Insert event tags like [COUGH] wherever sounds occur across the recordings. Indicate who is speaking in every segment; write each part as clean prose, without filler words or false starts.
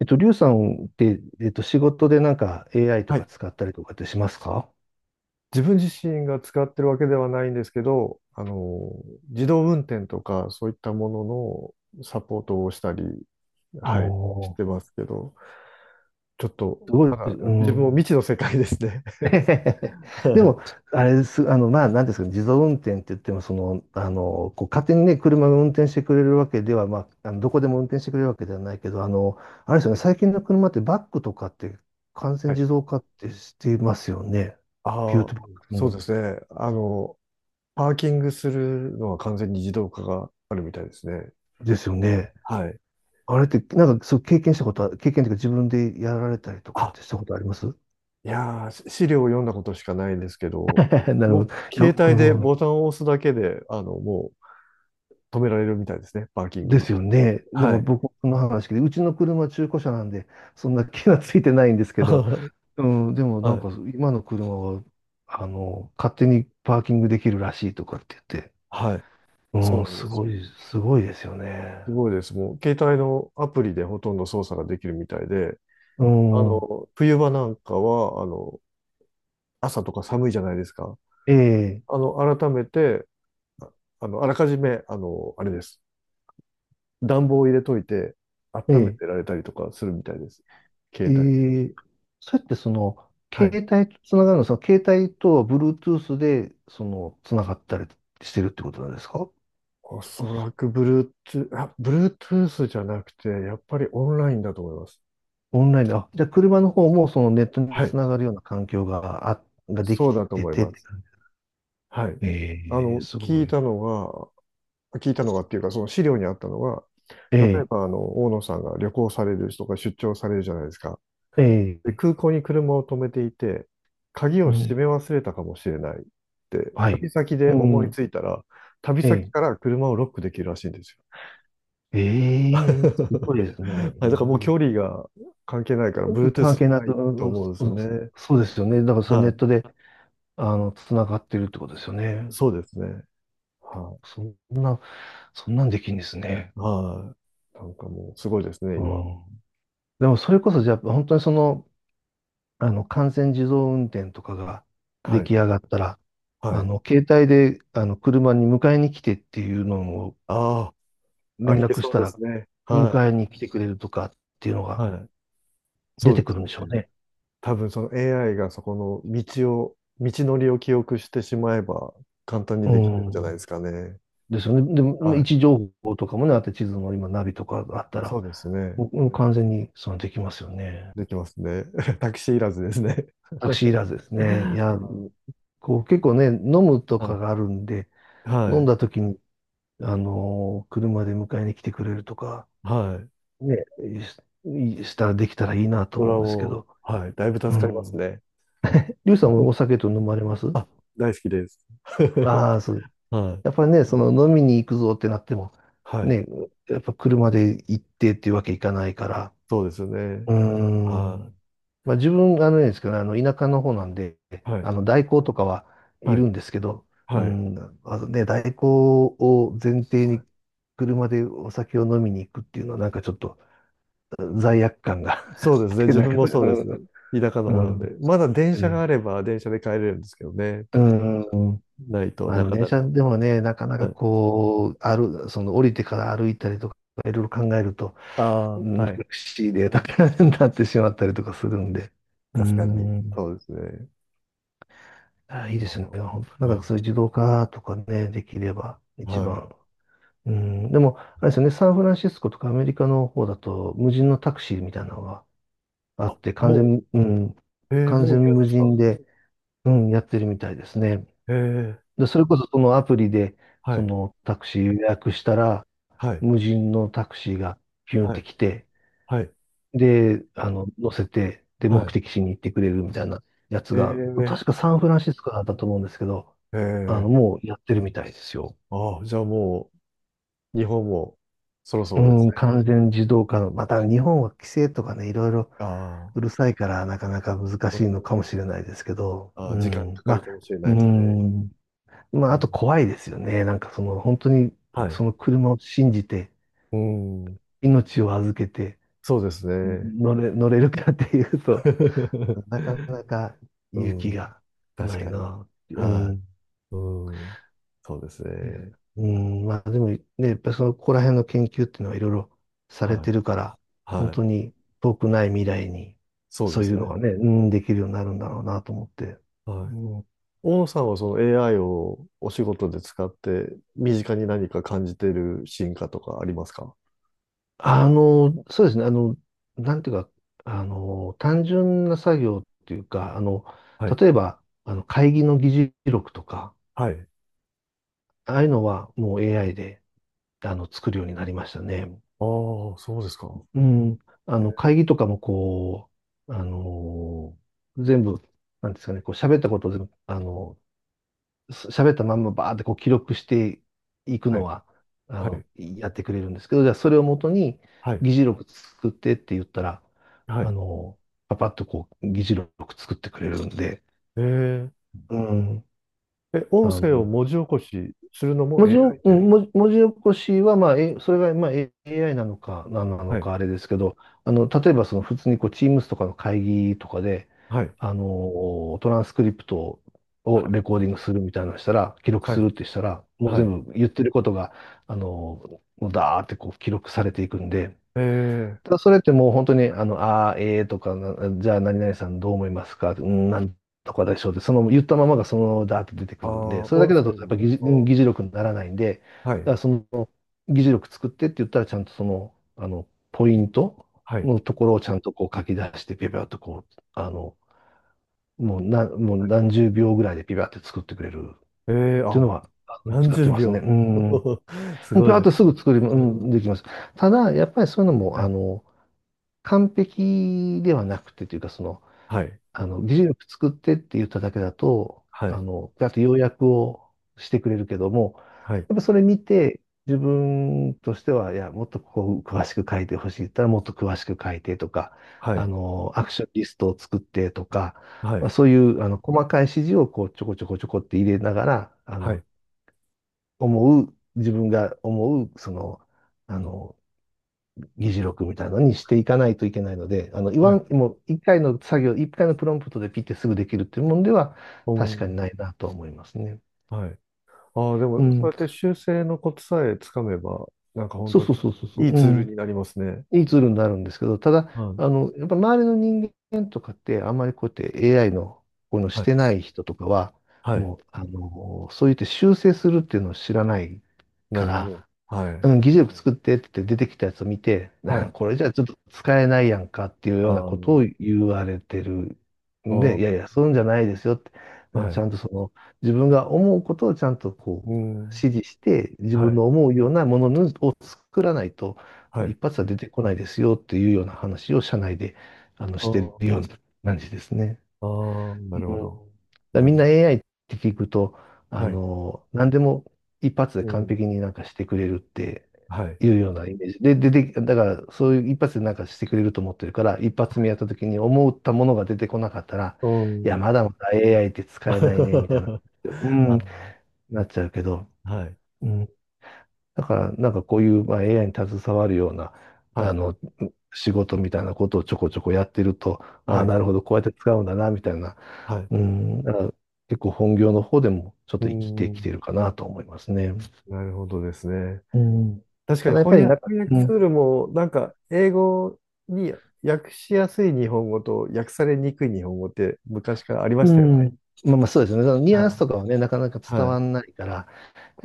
Speaker 1: リュウさんって、仕事でなんか AI と
Speaker 2: は
Speaker 1: か
Speaker 2: い。
Speaker 1: 使ったりとかってしますか？
Speaker 2: 自分自身が使ってるわけではないんですけど、自動運転とかそういったもののサポートをしたり、
Speaker 1: お
Speaker 2: はい、し
Speaker 1: お
Speaker 2: てますけど、ちょっと、
Speaker 1: ー、すごい、
Speaker 2: まだ
Speaker 1: う
Speaker 2: 自分も未
Speaker 1: ん。
Speaker 2: 知の世界ですね。
Speaker 1: [LAUGHS]
Speaker 2: [LAUGHS]
Speaker 1: で
Speaker 2: は
Speaker 1: も、あれです、なんですかね、自動運転って言っても、勝手にね、車が運転してくれるわけでは、まあ、あのどこでも運転してくれるわけではないけど、あれですよね、
Speaker 2: い。
Speaker 1: 最近の車ってバックとかって完全
Speaker 2: はい。
Speaker 1: 自動化ってしていますよね。ビュ
Speaker 2: あ
Speaker 1: ー
Speaker 2: あ、
Speaker 1: トバッ
Speaker 2: そう
Speaker 1: ク
Speaker 2: ですね。パーキングするのは完全に自動化があるみたいですね。
Speaker 1: ですよね。
Speaker 2: はい。
Speaker 1: あれって、なんか、そう、経験したことは、経験というか自分でやられたりとかっ
Speaker 2: あ、
Speaker 1: てしたことあります？
Speaker 2: いやー、資料を読んだことしかないですけど、
Speaker 1: [LAUGHS] なるほ
Speaker 2: も
Speaker 1: ど。
Speaker 2: う
Speaker 1: いや、
Speaker 2: 携帯で
Speaker 1: う
Speaker 2: ボ
Speaker 1: ん。
Speaker 2: タンを押すだけで、止められるみたいですね、パーキング
Speaker 1: で
Speaker 2: に。
Speaker 1: すよね。だから
Speaker 2: はい。
Speaker 1: 僕もその話で、うちの車中古車なんで、そんな気がついてないんですけど、
Speaker 2: [LAUGHS]
Speaker 1: うん、でもなん
Speaker 2: はい。
Speaker 1: か今の車は、あの、勝手にパーキングできるらしいとかって言って、
Speaker 2: はい。そ
Speaker 1: うん、
Speaker 2: うなん
Speaker 1: す
Speaker 2: です
Speaker 1: ご
Speaker 2: よ。
Speaker 1: い、すごいですよね。
Speaker 2: すごいです。もう、携帯のアプリでほとんど操作ができるみたいで、
Speaker 1: うん、
Speaker 2: 冬場なんかは、朝とか寒いじゃないですか。
Speaker 1: ええ、
Speaker 2: あの、改めて、ああの、あらかじめ、あれです。暖房を入れといて、
Speaker 1: え
Speaker 2: 温め
Speaker 1: え、
Speaker 2: てられたりとかするみたいです。
Speaker 1: え
Speaker 2: 携帯で。
Speaker 1: え、そうやってその、
Speaker 2: はい。
Speaker 1: 携帯とつながるの、その携帯とは Bluetooth で、その、つながったりしてるってことなんですか？
Speaker 2: おそらく Bluetooth じゃなくて、やっぱりオンラインだと思います。
Speaker 1: オンラインで、あ、じゃあ車の方もそのネットに
Speaker 2: はい。
Speaker 1: つながるような環境が、あ、ができ
Speaker 2: そうだと
Speaker 1: て
Speaker 2: 思い
Speaker 1: てっ
Speaker 2: ま
Speaker 1: て
Speaker 2: す。
Speaker 1: 感じ。
Speaker 2: はい。あ
Speaker 1: ええ
Speaker 2: の、
Speaker 1: す
Speaker 2: 聞
Speaker 1: ご
Speaker 2: い
Speaker 1: い。
Speaker 2: たのが、聞いたのがっていうか、その資料にあったのが、例え
Speaker 1: ええ
Speaker 2: ば、大野さんが旅行される人が出張されるじゃないですか。で、
Speaker 1: ええ
Speaker 2: 空港に車を止めていて、鍵
Speaker 1: う
Speaker 2: を閉め
Speaker 1: ん、
Speaker 2: 忘れたかもしれないって、
Speaker 1: はい。
Speaker 2: 旅先
Speaker 1: う
Speaker 2: で思い
Speaker 1: ん、
Speaker 2: ついたら、旅
Speaker 1: え
Speaker 2: 先から車をロックできるらしいんですよ。
Speaker 1: えええすごいで
Speaker 2: [LAUGHS]
Speaker 1: すね。
Speaker 2: はい、だか
Speaker 1: え
Speaker 2: らもう距離が関係ないから、
Speaker 1: え
Speaker 2: Bluetooth
Speaker 1: 関
Speaker 2: じ
Speaker 1: 係
Speaker 2: ゃ
Speaker 1: な
Speaker 2: な
Speaker 1: く、う
Speaker 2: い
Speaker 1: ん
Speaker 2: と
Speaker 1: うん
Speaker 2: 思うんです
Speaker 1: う
Speaker 2: よ
Speaker 1: ん、
Speaker 2: ね。
Speaker 1: そうですよね。だからそのネ
Speaker 2: は
Speaker 1: ットで、あの、つながってるってことですよ
Speaker 2: い。
Speaker 1: ね。
Speaker 2: そうですね。は
Speaker 1: そんな、そんなんできんですね。
Speaker 2: い。はい。なんかもう、すごいですね、
Speaker 1: う
Speaker 2: 今。
Speaker 1: ん。でもそれこそじゃあ、本当に、完全自動運転とかが
Speaker 2: は
Speaker 1: 出
Speaker 2: い。
Speaker 1: 来上がったら、
Speaker 2: はい。
Speaker 1: 携帯で、あの、車に迎えに来てっていうのを
Speaker 2: ああ、あ
Speaker 1: 連
Speaker 2: りえ
Speaker 1: 絡し
Speaker 2: そう
Speaker 1: た
Speaker 2: です
Speaker 1: ら、
Speaker 2: ね。は
Speaker 1: 迎えに来てくれるとかっていうの
Speaker 2: い。
Speaker 1: が
Speaker 2: はい。そ
Speaker 1: 出
Speaker 2: う
Speaker 1: て
Speaker 2: で
Speaker 1: く
Speaker 2: す
Speaker 1: るんで
Speaker 2: よ
Speaker 1: しょう
Speaker 2: ね。
Speaker 1: ね。
Speaker 2: 多分その AI がそこの道を、道のりを記憶してしまえば簡単に
Speaker 1: う
Speaker 2: できるんじゃないで
Speaker 1: ん。
Speaker 2: すかね。
Speaker 1: ですよね。でも、位
Speaker 2: はい。
Speaker 1: 置情報とかもね、あって地図の今ナビとかがあった
Speaker 2: そ
Speaker 1: ら、
Speaker 2: うですね。
Speaker 1: もう完全にそのできますよね。
Speaker 2: できますね。[LAUGHS] タクシーいらずですね。
Speaker 1: タクシーいらずですね。いや、
Speaker 2: [LAUGHS] は
Speaker 1: こう結構ね、飲むとか
Speaker 2: い。
Speaker 1: があるんで、
Speaker 2: は
Speaker 1: 飲ん
Speaker 2: い。
Speaker 1: だ時に、あのー車で迎えに来てくれるとか、
Speaker 2: はい。はい、
Speaker 1: ね、しいしたらできたらいいなと
Speaker 2: それ
Speaker 1: 思う
Speaker 2: は
Speaker 1: んですけ
Speaker 2: もう、
Speaker 1: ど。
Speaker 2: はい。だいぶ助
Speaker 1: う
Speaker 2: かります
Speaker 1: ん。
Speaker 2: ね。
Speaker 1: リュウさんもお
Speaker 2: [LAUGHS]
Speaker 1: 酒と飲まれます？
Speaker 2: あ、大好きです。[LAUGHS]
Speaker 1: ああそう。
Speaker 2: はい。
Speaker 1: やっぱりね、その飲みに行くぞってなっても、
Speaker 2: はい。
Speaker 1: ね、やっぱ車で行ってっていうわけいかないから。
Speaker 2: そうですよね。
Speaker 1: うー
Speaker 2: は
Speaker 1: ん。まあ自分、あのねですけどね、あの、田舎の方なんで、
Speaker 2: い。はい。
Speaker 1: あの、代行とかはい
Speaker 2: はい。
Speaker 1: るんですけど、う
Speaker 2: はい。
Speaker 1: ん、まあのね、代行を前提に車でお酒を飲みに行くっていうのはなんかちょっと罪悪感が [LAUGHS]
Speaker 2: そうで
Speaker 1: あ
Speaker 2: す
Speaker 1: っ
Speaker 2: ね。
Speaker 1: て、
Speaker 2: 自
Speaker 1: なん
Speaker 2: 分
Speaker 1: か、
Speaker 2: もそうです。田舎の
Speaker 1: う
Speaker 2: 方なん
Speaker 1: ん、
Speaker 2: で。まだ電
Speaker 1: え
Speaker 2: 車が
Speaker 1: え、
Speaker 2: あれば電車で帰れるんですけどね。
Speaker 1: うん。
Speaker 2: ないと
Speaker 1: まあ
Speaker 2: な
Speaker 1: でも
Speaker 2: か
Speaker 1: 電
Speaker 2: な
Speaker 1: 車
Speaker 2: か。
Speaker 1: でもね、なかな
Speaker 2: は
Speaker 1: か
Speaker 2: い。
Speaker 1: こう、歩、その降りてから歩いたりとか、いろいろ考えると、う
Speaker 2: ああ、
Speaker 1: ん、
Speaker 2: は
Speaker 1: 難
Speaker 2: い。
Speaker 1: しいデータに [LAUGHS] なってしまったりとかするんで。う
Speaker 2: 確かに。
Speaker 1: ん。
Speaker 2: そうですね。
Speaker 1: あ、いい
Speaker 2: あ
Speaker 1: ですね。
Speaker 2: の、
Speaker 1: 本当な
Speaker 2: は
Speaker 1: ん
Speaker 2: い。
Speaker 1: かそういう自動化とかね、できれば
Speaker 2: は
Speaker 1: 一
Speaker 2: い、
Speaker 1: 番。うん。でも、あれですよね、サンフランシスコとかアメリカの方だと、無人のタクシーみたいなのがあって、完
Speaker 2: も
Speaker 1: 全、うん、
Speaker 2: う、えー、
Speaker 1: 完
Speaker 2: もうい
Speaker 1: 全
Speaker 2: るん
Speaker 1: 無
Speaker 2: ですか？
Speaker 1: 人で、うん、やってるみたいですね。
Speaker 2: えー、
Speaker 1: で、それこそそのアプリで、
Speaker 2: は
Speaker 1: そ
Speaker 2: い、
Speaker 1: のタクシー予約したら、
Speaker 2: はい、
Speaker 1: 無人のタクシーがピュンっ
Speaker 2: は
Speaker 1: て
Speaker 2: い、
Speaker 1: 来て、
Speaker 2: はい、
Speaker 1: で、あの、乗せて、で、
Speaker 2: は
Speaker 1: 目
Speaker 2: い。
Speaker 1: 的地に行ってくれるみたいなやつ
Speaker 2: え
Speaker 1: が、
Speaker 2: ー、
Speaker 1: 確かサンフランシスコだったと思うんですけど、
Speaker 2: え
Speaker 1: あ
Speaker 2: ー、
Speaker 1: の、もうやってるみたいですよ。
Speaker 2: ああ、じゃあもう、日本もそろそ
Speaker 1: う
Speaker 2: ろです
Speaker 1: ん、
Speaker 2: ね。
Speaker 1: 完全自動化の、また日本は規制とかね、いろいろ
Speaker 2: ああ、
Speaker 1: うるさいから、なかなか難
Speaker 2: う
Speaker 1: しい
Speaker 2: ん、
Speaker 1: のかもしれないですけど、
Speaker 2: ああ、
Speaker 1: う
Speaker 2: 時間か
Speaker 1: ん、
Speaker 2: か
Speaker 1: ま
Speaker 2: る
Speaker 1: あ、
Speaker 2: かもしれない
Speaker 1: う
Speaker 2: ですね。
Speaker 1: ん、まあ、
Speaker 2: う
Speaker 1: あ
Speaker 2: ん、
Speaker 1: と怖いですよね。なんかその、本当に、
Speaker 2: はい。
Speaker 1: その車を信じて、
Speaker 2: うん、
Speaker 1: 命を預けて
Speaker 2: そうですね。
Speaker 1: 乗れるかっていうと [LAUGHS]、なか
Speaker 2: [LAUGHS]
Speaker 1: なか
Speaker 2: う
Speaker 1: 勇気
Speaker 2: ん。
Speaker 1: が
Speaker 2: 確
Speaker 1: ない
Speaker 2: かに。
Speaker 1: な。う
Speaker 2: は
Speaker 1: ん。
Speaker 2: い。うん。そうです
Speaker 1: え
Speaker 2: ね。
Speaker 1: うん、まあでもね、やっぱりそのここら辺の研究っていうのはいろいろされ
Speaker 2: は
Speaker 1: て
Speaker 2: い。
Speaker 1: るから、本
Speaker 2: はい。
Speaker 1: 当に遠くない未来に、
Speaker 2: そうで
Speaker 1: そうい
Speaker 2: す
Speaker 1: うの
Speaker 2: ね。
Speaker 1: がね、うん、できるようになるんだろうなと思って。
Speaker 2: はい。
Speaker 1: うん、
Speaker 2: 大野さんはその AI をお仕事で使って、身近に何か感じている進化とかありますか？
Speaker 1: そうですね、なんていうか、単純な作業っていうか、あの、
Speaker 2: はい。
Speaker 1: 例えば、あの、会議の議事録とか、
Speaker 2: はい。
Speaker 1: ああいうのはもう AI であの作るようになりましたね。
Speaker 2: ああ、そうですか。
Speaker 1: うん。あの、会議とかもこう、あのー全部、なんですかね、こう喋ったことを全部、あのす喋ったまんまバーってこう記録していく
Speaker 2: は
Speaker 1: の
Speaker 2: い。
Speaker 1: は、あ
Speaker 2: は
Speaker 1: の、
Speaker 2: い。
Speaker 1: やってくれるんですけど、じゃあそれをもとに
Speaker 2: はい。
Speaker 1: 議事録作ってって言ったら、
Speaker 2: は
Speaker 1: あ
Speaker 2: い。
Speaker 1: のパパッとこう議事録作ってくれるんで、
Speaker 2: えー、
Speaker 1: うん。
Speaker 2: え、
Speaker 1: あ
Speaker 2: 音声を
Speaker 1: の
Speaker 2: 文字起こしするのも
Speaker 1: 文字
Speaker 2: AI
Speaker 1: を、う
Speaker 2: で。
Speaker 1: ん文字起こしは、まあ、えそれが、まあ、AI なのか、何な
Speaker 2: は
Speaker 1: の
Speaker 2: い。
Speaker 1: か、あれですけど、あの、例えば、その、普通に、こう、Teams とかの会議とかで、
Speaker 2: はい。
Speaker 1: あの、トランスクリプト
Speaker 2: は
Speaker 1: を
Speaker 2: い。
Speaker 1: レコーディングするみたいなのしたら、記録
Speaker 2: は
Speaker 1: す
Speaker 2: い。
Speaker 1: るってしたら、もう
Speaker 2: はい。
Speaker 1: 全部言ってることが、あの、もうダーってこう記録されていくんで、
Speaker 2: えー、
Speaker 1: ただそれってもう本当に、あの、あー、ええーとかな、じゃあ何々さんどう思いますか、うん、なんとかでしょうって、その言ったままがそのままだーって出てく
Speaker 2: あ
Speaker 1: るん
Speaker 2: あ、
Speaker 1: で、それだ
Speaker 2: 音
Speaker 1: けだと
Speaker 2: 声
Speaker 1: やっ
Speaker 2: の。
Speaker 1: ぱり
Speaker 2: あ
Speaker 1: 議事力にならないんで、
Speaker 2: ー、は
Speaker 1: だか
Speaker 2: い。
Speaker 1: らその議事力作ってって言ったらちゃんとその、あの、ポイント
Speaker 2: はい。
Speaker 1: のところをちゃんとこう書き出して、ピュピュッとこう、あの、もう
Speaker 2: はい、
Speaker 1: 何十秒ぐらいでピュピュッて作ってくれる
Speaker 2: えー、
Speaker 1: っていう
Speaker 2: あ、
Speaker 1: のは、あの
Speaker 2: 何
Speaker 1: 使って
Speaker 2: 十
Speaker 1: ますね。う
Speaker 2: 秒。
Speaker 1: ん。も
Speaker 2: [LAUGHS] す
Speaker 1: う
Speaker 2: ご
Speaker 1: ピ
Speaker 2: い
Speaker 1: ーッ
Speaker 2: です。
Speaker 1: とすぐ作り、うん、できます。ただ、やっぱりそういうのも、
Speaker 2: は
Speaker 1: あ
Speaker 2: い。
Speaker 1: の、完璧ではなくてというか、その、
Speaker 2: はい。
Speaker 1: あの、技術力作ってって言っただけだと、
Speaker 2: は
Speaker 1: あ
Speaker 2: い。
Speaker 1: の、あと要約をしてくれるけども、
Speaker 2: はい。
Speaker 1: やっぱそれ見て、自分としては、いや、もっとここ詳しく書いてほしいって言ったら、もっと詳しく書いてとか、
Speaker 2: は
Speaker 1: あ
Speaker 2: い。
Speaker 1: の、アクションリストを作ってとか、
Speaker 2: は
Speaker 1: まあ
Speaker 2: い。
Speaker 1: そういう、あの、細かい指示をこう、ちょこちょこちょこって入れながら、あ
Speaker 2: は
Speaker 1: の、
Speaker 2: い。
Speaker 1: 自分が思う、その、あの、議事録みたいなのにしていかないといけないので、あの、言
Speaker 2: は
Speaker 1: わ
Speaker 2: い。
Speaker 1: ん、もう一回の作業、一回のプロンプトでピッてすぐできるっていうもんでは
Speaker 2: お
Speaker 1: 確かに
Speaker 2: ー、
Speaker 1: ないなと思いますね。
Speaker 2: はい。ああ、で
Speaker 1: う
Speaker 2: も、そう
Speaker 1: ん。
Speaker 2: やって修正のコツさえつかめば、なんか本
Speaker 1: そう
Speaker 2: 当に
Speaker 1: そうそうそうそう。
Speaker 2: いい
Speaker 1: う
Speaker 2: ツー
Speaker 1: ん。
Speaker 2: ルになりますね。
Speaker 1: いいツールになるんですけど、ただ、
Speaker 2: はい。
Speaker 1: やっぱ周りの人間とかって、あんまりこうやって AI のこういうのし
Speaker 2: はい。
Speaker 1: てない人とかは、
Speaker 2: はい。
Speaker 1: もう、そう言って修正するっていうのを知らない
Speaker 2: な
Speaker 1: か
Speaker 2: るほど。
Speaker 1: ら、
Speaker 2: はい。
Speaker 1: うん、議事録作ってって出てきたやつを見て、
Speaker 2: は
Speaker 1: [LAUGHS]
Speaker 2: い。
Speaker 1: これじゃちょっと使えないやんかっていう
Speaker 2: あ
Speaker 1: ようなこと
Speaker 2: の、
Speaker 1: を言われてる
Speaker 2: あ
Speaker 1: んで、
Speaker 2: ー、
Speaker 1: いやいや、そういうんじゃないですよって、うん、
Speaker 2: は
Speaker 1: ち
Speaker 2: い。
Speaker 1: ゃんとその自分が思うことをちゃんとこ
Speaker 2: う
Speaker 1: う
Speaker 2: ん。
Speaker 1: 指示して、自
Speaker 2: は
Speaker 1: 分
Speaker 2: い。
Speaker 1: の思うようなものを作らないと、
Speaker 2: は
Speaker 1: その
Speaker 2: い。
Speaker 1: 一発は出てこないですよっていうような話を社内で
Speaker 2: あ
Speaker 1: してる
Speaker 2: ー
Speaker 1: ような感じですね。
Speaker 2: あー、なる
Speaker 1: う
Speaker 2: ほ
Speaker 1: ん、だか
Speaker 2: ど。
Speaker 1: ら
Speaker 2: う
Speaker 1: みんな
Speaker 2: ん、
Speaker 1: AI って聞くと、
Speaker 2: はい。
Speaker 1: 何でも一発で
Speaker 2: う
Speaker 1: 完
Speaker 2: ん。
Speaker 1: 璧になんかしてくれるって
Speaker 2: はい。
Speaker 1: いうようなイメージ。で、で、で、だからそういう一発でなんかしてくれると思ってるから、一発目やった時に思ったものが出てこなかったら、
Speaker 2: う
Speaker 1: いや、
Speaker 2: ん。
Speaker 1: まだまだ AI って使えないね、みたいな、
Speaker 2: [LAUGHS]
Speaker 1: うん、
Speaker 2: あ、
Speaker 1: なっちゃうけど、
Speaker 2: はい、
Speaker 1: うん。だから、なんかこういう、まあ、AI に携わるような、
Speaker 2: は
Speaker 1: あ
Speaker 2: い、
Speaker 1: の、仕事みたいなことをちょこちょこやってると、あ
Speaker 2: は
Speaker 1: あ、
Speaker 2: い、
Speaker 1: なるほど、こうやって使うんだな、みたいな、
Speaker 2: はい。う
Speaker 1: うん、だから結構本業の方でもちょっ
Speaker 2: ー
Speaker 1: と生きてき
Speaker 2: ん、
Speaker 1: てるかなと思いますね。
Speaker 2: なるほどですね。
Speaker 1: うん、
Speaker 2: 確か
Speaker 1: た
Speaker 2: に
Speaker 1: だやっぱ
Speaker 2: 翻
Speaker 1: りなん
Speaker 2: 訳、
Speaker 1: か、
Speaker 2: 翻訳ツールも、なんか、英語に訳しやすい日本語と訳されにくい日本語って昔からありま
Speaker 1: う
Speaker 2: したよね。
Speaker 1: まあまあそうですよね。そのニュアン
Speaker 2: は
Speaker 1: ス
Speaker 2: い、
Speaker 1: とかはね、なかなか伝
Speaker 2: は
Speaker 1: わ
Speaker 2: い、
Speaker 1: んないから、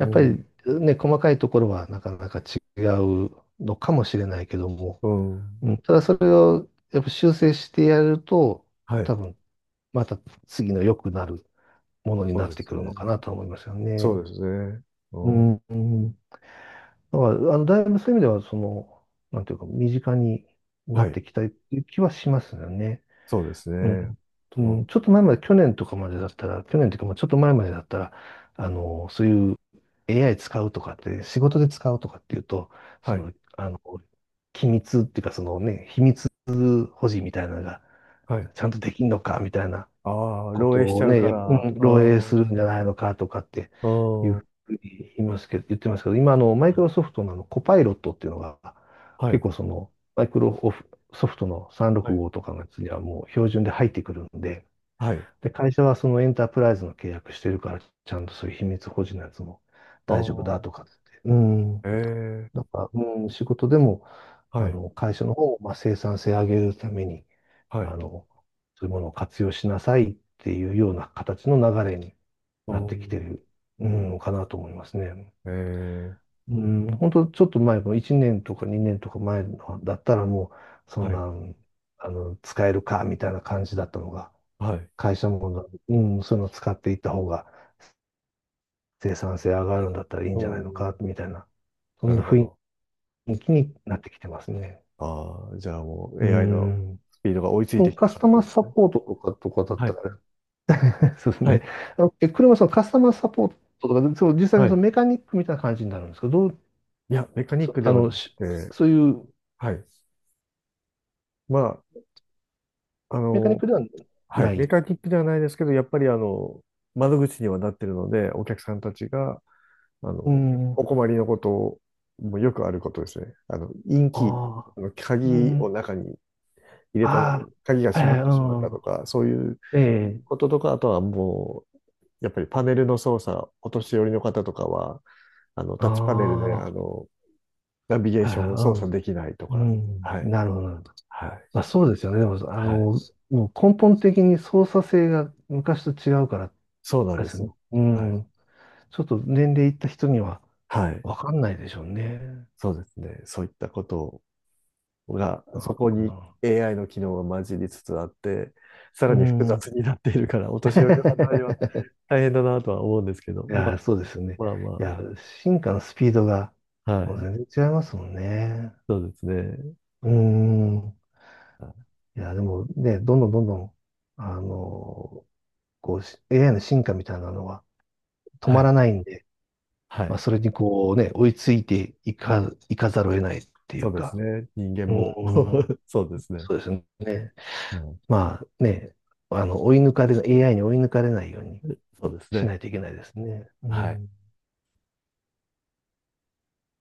Speaker 2: う
Speaker 1: っぱ
Speaker 2: ん、
Speaker 1: りね、細かいところはなかなか違うのかもしれないけども、
Speaker 2: うん、
Speaker 1: うん、ただそれをやっぱ修正してやると、
Speaker 2: はい、
Speaker 1: 多分また次の良くなるものに
Speaker 2: そ
Speaker 1: な
Speaker 2: う
Speaker 1: っ
Speaker 2: で
Speaker 1: て
Speaker 2: す
Speaker 1: くるのかな
Speaker 2: ね。
Speaker 1: と思いますよ
Speaker 2: そう
Speaker 1: ね。
Speaker 2: ですね。
Speaker 1: う
Speaker 2: うん、
Speaker 1: ん、うんだから、だいぶそういう意味では、その、なんていうか、身近にな
Speaker 2: は
Speaker 1: っ
Speaker 2: い、
Speaker 1: てきたっていう気はしますよね。
Speaker 2: そうです
Speaker 1: うん。
Speaker 2: ね。
Speaker 1: うん、
Speaker 2: と、
Speaker 1: ちょっと前まで、去年とかまでだったら、去年というか、まあちょっと前までだったら、そういう AI 使うとかって、仕事で使うとかっていうと、そ
Speaker 2: はい、
Speaker 1: の、あの、機密っていうか、そのね、秘密保持みたいなのが、
Speaker 2: はい。
Speaker 1: ちゃんとできんのかみたいな
Speaker 2: ああ、
Speaker 1: こ
Speaker 2: 漏
Speaker 1: と
Speaker 2: 洩しち
Speaker 1: を
Speaker 2: ゃう
Speaker 1: ね、
Speaker 2: か
Speaker 1: やっ
Speaker 2: ら、
Speaker 1: うん
Speaker 2: あ
Speaker 1: 漏洩
Speaker 2: あ、
Speaker 1: するんじゃないのかとかって
Speaker 2: ああ、
Speaker 1: いう
Speaker 2: は
Speaker 1: ふうに言いますけど、言ってますけど、今あのマイクロソフトのあのコパイロットっていうのが、
Speaker 2: い、
Speaker 1: 結構そのマイクロソフトの
Speaker 2: はい、
Speaker 1: 365とかのやつにはもう標準で入ってくるんで、
Speaker 2: はい、
Speaker 1: で、会社はそのエンタープライズの契約してるから、ちゃんとそういう秘密保持のやつも
Speaker 2: あ
Speaker 1: 大丈夫だ
Speaker 2: あ、
Speaker 1: とかって。うん。
Speaker 2: ええ、
Speaker 1: なんか、うん、仕事でも、
Speaker 2: はい、
Speaker 1: 会社の方をまあ生産性上げるために、
Speaker 2: はい。
Speaker 1: あの、そういうものを活用しなさいっていうような形の流れに
Speaker 2: お
Speaker 1: なってきて
Speaker 2: ー、
Speaker 1: る、うん、かなと思いますね。
Speaker 2: ええ、
Speaker 1: うん、本当ちょっと前の1年とか2年とか前のだったらもう、そん
Speaker 2: はい、
Speaker 1: な、使えるかみたいな感じだったのが、
Speaker 2: はい。
Speaker 1: 会社も、うん、そういうのを使っていった方が生産性上がるんだったらいいん
Speaker 2: お
Speaker 1: じゃな
Speaker 2: ー、
Speaker 1: いのか、みたいな、そ
Speaker 2: な
Speaker 1: ん
Speaker 2: る
Speaker 1: な
Speaker 2: ほ
Speaker 1: 雰
Speaker 2: ど。
Speaker 1: 囲気になってきてますね。
Speaker 2: ああ、じゃあもう
Speaker 1: う
Speaker 2: AI の
Speaker 1: ん。
Speaker 2: スピードが追いついてき
Speaker 1: カ
Speaker 2: た
Speaker 1: ス
Speaker 2: 感
Speaker 1: タ
Speaker 2: じ
Speaker 1: マー
Speaker 2: なんで
Speaker 1: サ
Speaker 2: すね。
Speaker 1: ポートとかとかだっ
Speaker 2: は
Speaker 1: た
Speaker 2: い、
Speaker 1: ら、[LAUGHS] そうです
Speaker 2: は
Speaker 1: ね。
Speaker 2: い、
Speaker 1: 車はそのカスタマーサポートとか、その実際
Speaker 2: は
Speaker 1: にそ
Speaker 2: い。
Speaker 1: のメカニックみたいな感じになるんですけど、どう、
Speaker 2: いや、メカニッ
Speaker 1: そ
Speaker 2: クで
Speaker 1: あ
Speaker 2: は
Speaker 1: の、
Speaker 2: なく
Speaker 1: しそう
Speaker 2: て、
Speaker 1: いう
Speaker 2: はい。まあ、
Speaker 1: メカニックでは
Speaker 2: はい。
Speaker 1: な
Speaker 2: メ
Speaker 1: い。
Speaker 2: カニックではないですけど、やっぱり窓口にはなってるので、お客さんたちが、あ
Speaker 1: う
Speaker 2: の、
Speaker 1: ん。あ
Speaker 2: お困りのこともよくあることですね。インキー、
Speaker 1: あ、う
Speaker 2: 鍵を
Speaker 1: ん。
Speaker 2: 中に入れたまま
Speaker 1: あ
Speaker 2: 鍵が
Speaker 1: あ、は
Speaker 2: 閉
Speaker 1: い
Speaker 2: ま
Speaker 1: は
Speaker 2: っ
Speaker 1: い、
Speaker 2: てしまったと
Speaker 1: う
Speaker 2: か、そういう
Speaker 1: ん。ええ、
Speaker 2: こととか、あとはもう、やっぱりパネルの操作、お年寄りの方とかは、
Speaker 1: あ
Speaker 2: タ
Speaker 1: あ、
Speaker 2: ッチパネルで、
Speaker 1: は
Speaker 2: ナビゲー
Speaker 1: い
Speaker 2: ションを操
Speaker 1: は
Speaker 2: 作できないと
Speaker 1: い、う
Speaker 2: か、
Speaker 1: ん。
Speaker 2: は
Speaker 1: うん。
Speaker 2: い、
Speaker 1: なるほど、なるほど。
Speaker 2: は
Speaker 1: まあ、
Speaker 2: い、
Speaker 1: そうですよね。でも、
Speaker 2: はい、
Speaker 1: もう根本的に操作性が昔と違うから、
Speaker 2: そうな
Speaker 1: あ
Speaker 2: ん
Speaker 1: れ
Speaker 2: で
Speaker 1: です
Speaker 2: す
Speaker 1: よね。
Speaker 2: よ。
Speaker 1: う
Speaker 2: はい、
Speaker 1: ん。ちょっと年齢いった人には
Speaker 2: はい、
Speaker 1: 分かんないでしょうね。
Speaker 2: そうですね。そういったことが、そこ
Speaker 1: うん、
Speaker 2: に AI の機能が混じりつつあって、さら
Speaker 1: う
Speaker 2: に複
Speaker 1: ん。
Speaker 2: 雑になっているから、お年寄りの方には
Speaker 1: [LAUGHS]
Speaker 2: 大変だなとは思うんですけど、
Speaker 1: い
Speaker 2: ま
Speaker 1: やー、
Speaker 2: あ、
Speaker 1: そうですよね。
Speaker 2: まあ
Speaker 1: い
Speaker 2: ま
Speaker 1: やー、進化のスピードが
Speaker 2: あ、は
Speaker 1: もう
Speaker 2: い、
Speaker 1: 全然違いますもんね。
Speaker 2: そうですね。
Speaker 1: うーん。いやー、でもね、どんどんどんどん、あの、こう、AI の進化みたいなのは止
Speaker 2: は
Speaker 1: まら
Speaker 2: い。
Speaker 1: ないんで、
Speaker 2: は
Speaker 1: まあ、
Speaker 2: い。
Speaker 1: それにこうね、追いついていか、いかざるを得ないってい
Speaker 2: そ
Speaker 1: う
Speaker 2: うです
Speaker 1: か、
Speaker 2: ね。人間
Speaker 1: う
Speaker 2: も [LAUGHS]
Speaker 1: ーん、
Speaker 2: そうですね。
Speaker 1: そうですね。
Speaker 2: うん。
Speaker 1: まあね、あの、追い抜かれ、AI に追い抜かれないように
Speaker 2: そうです
Speaker 1: し
Speaker 2: ね。
Speaker 1: ないといけないですね。う
Speaker 2: はい。
Speaker 1: ん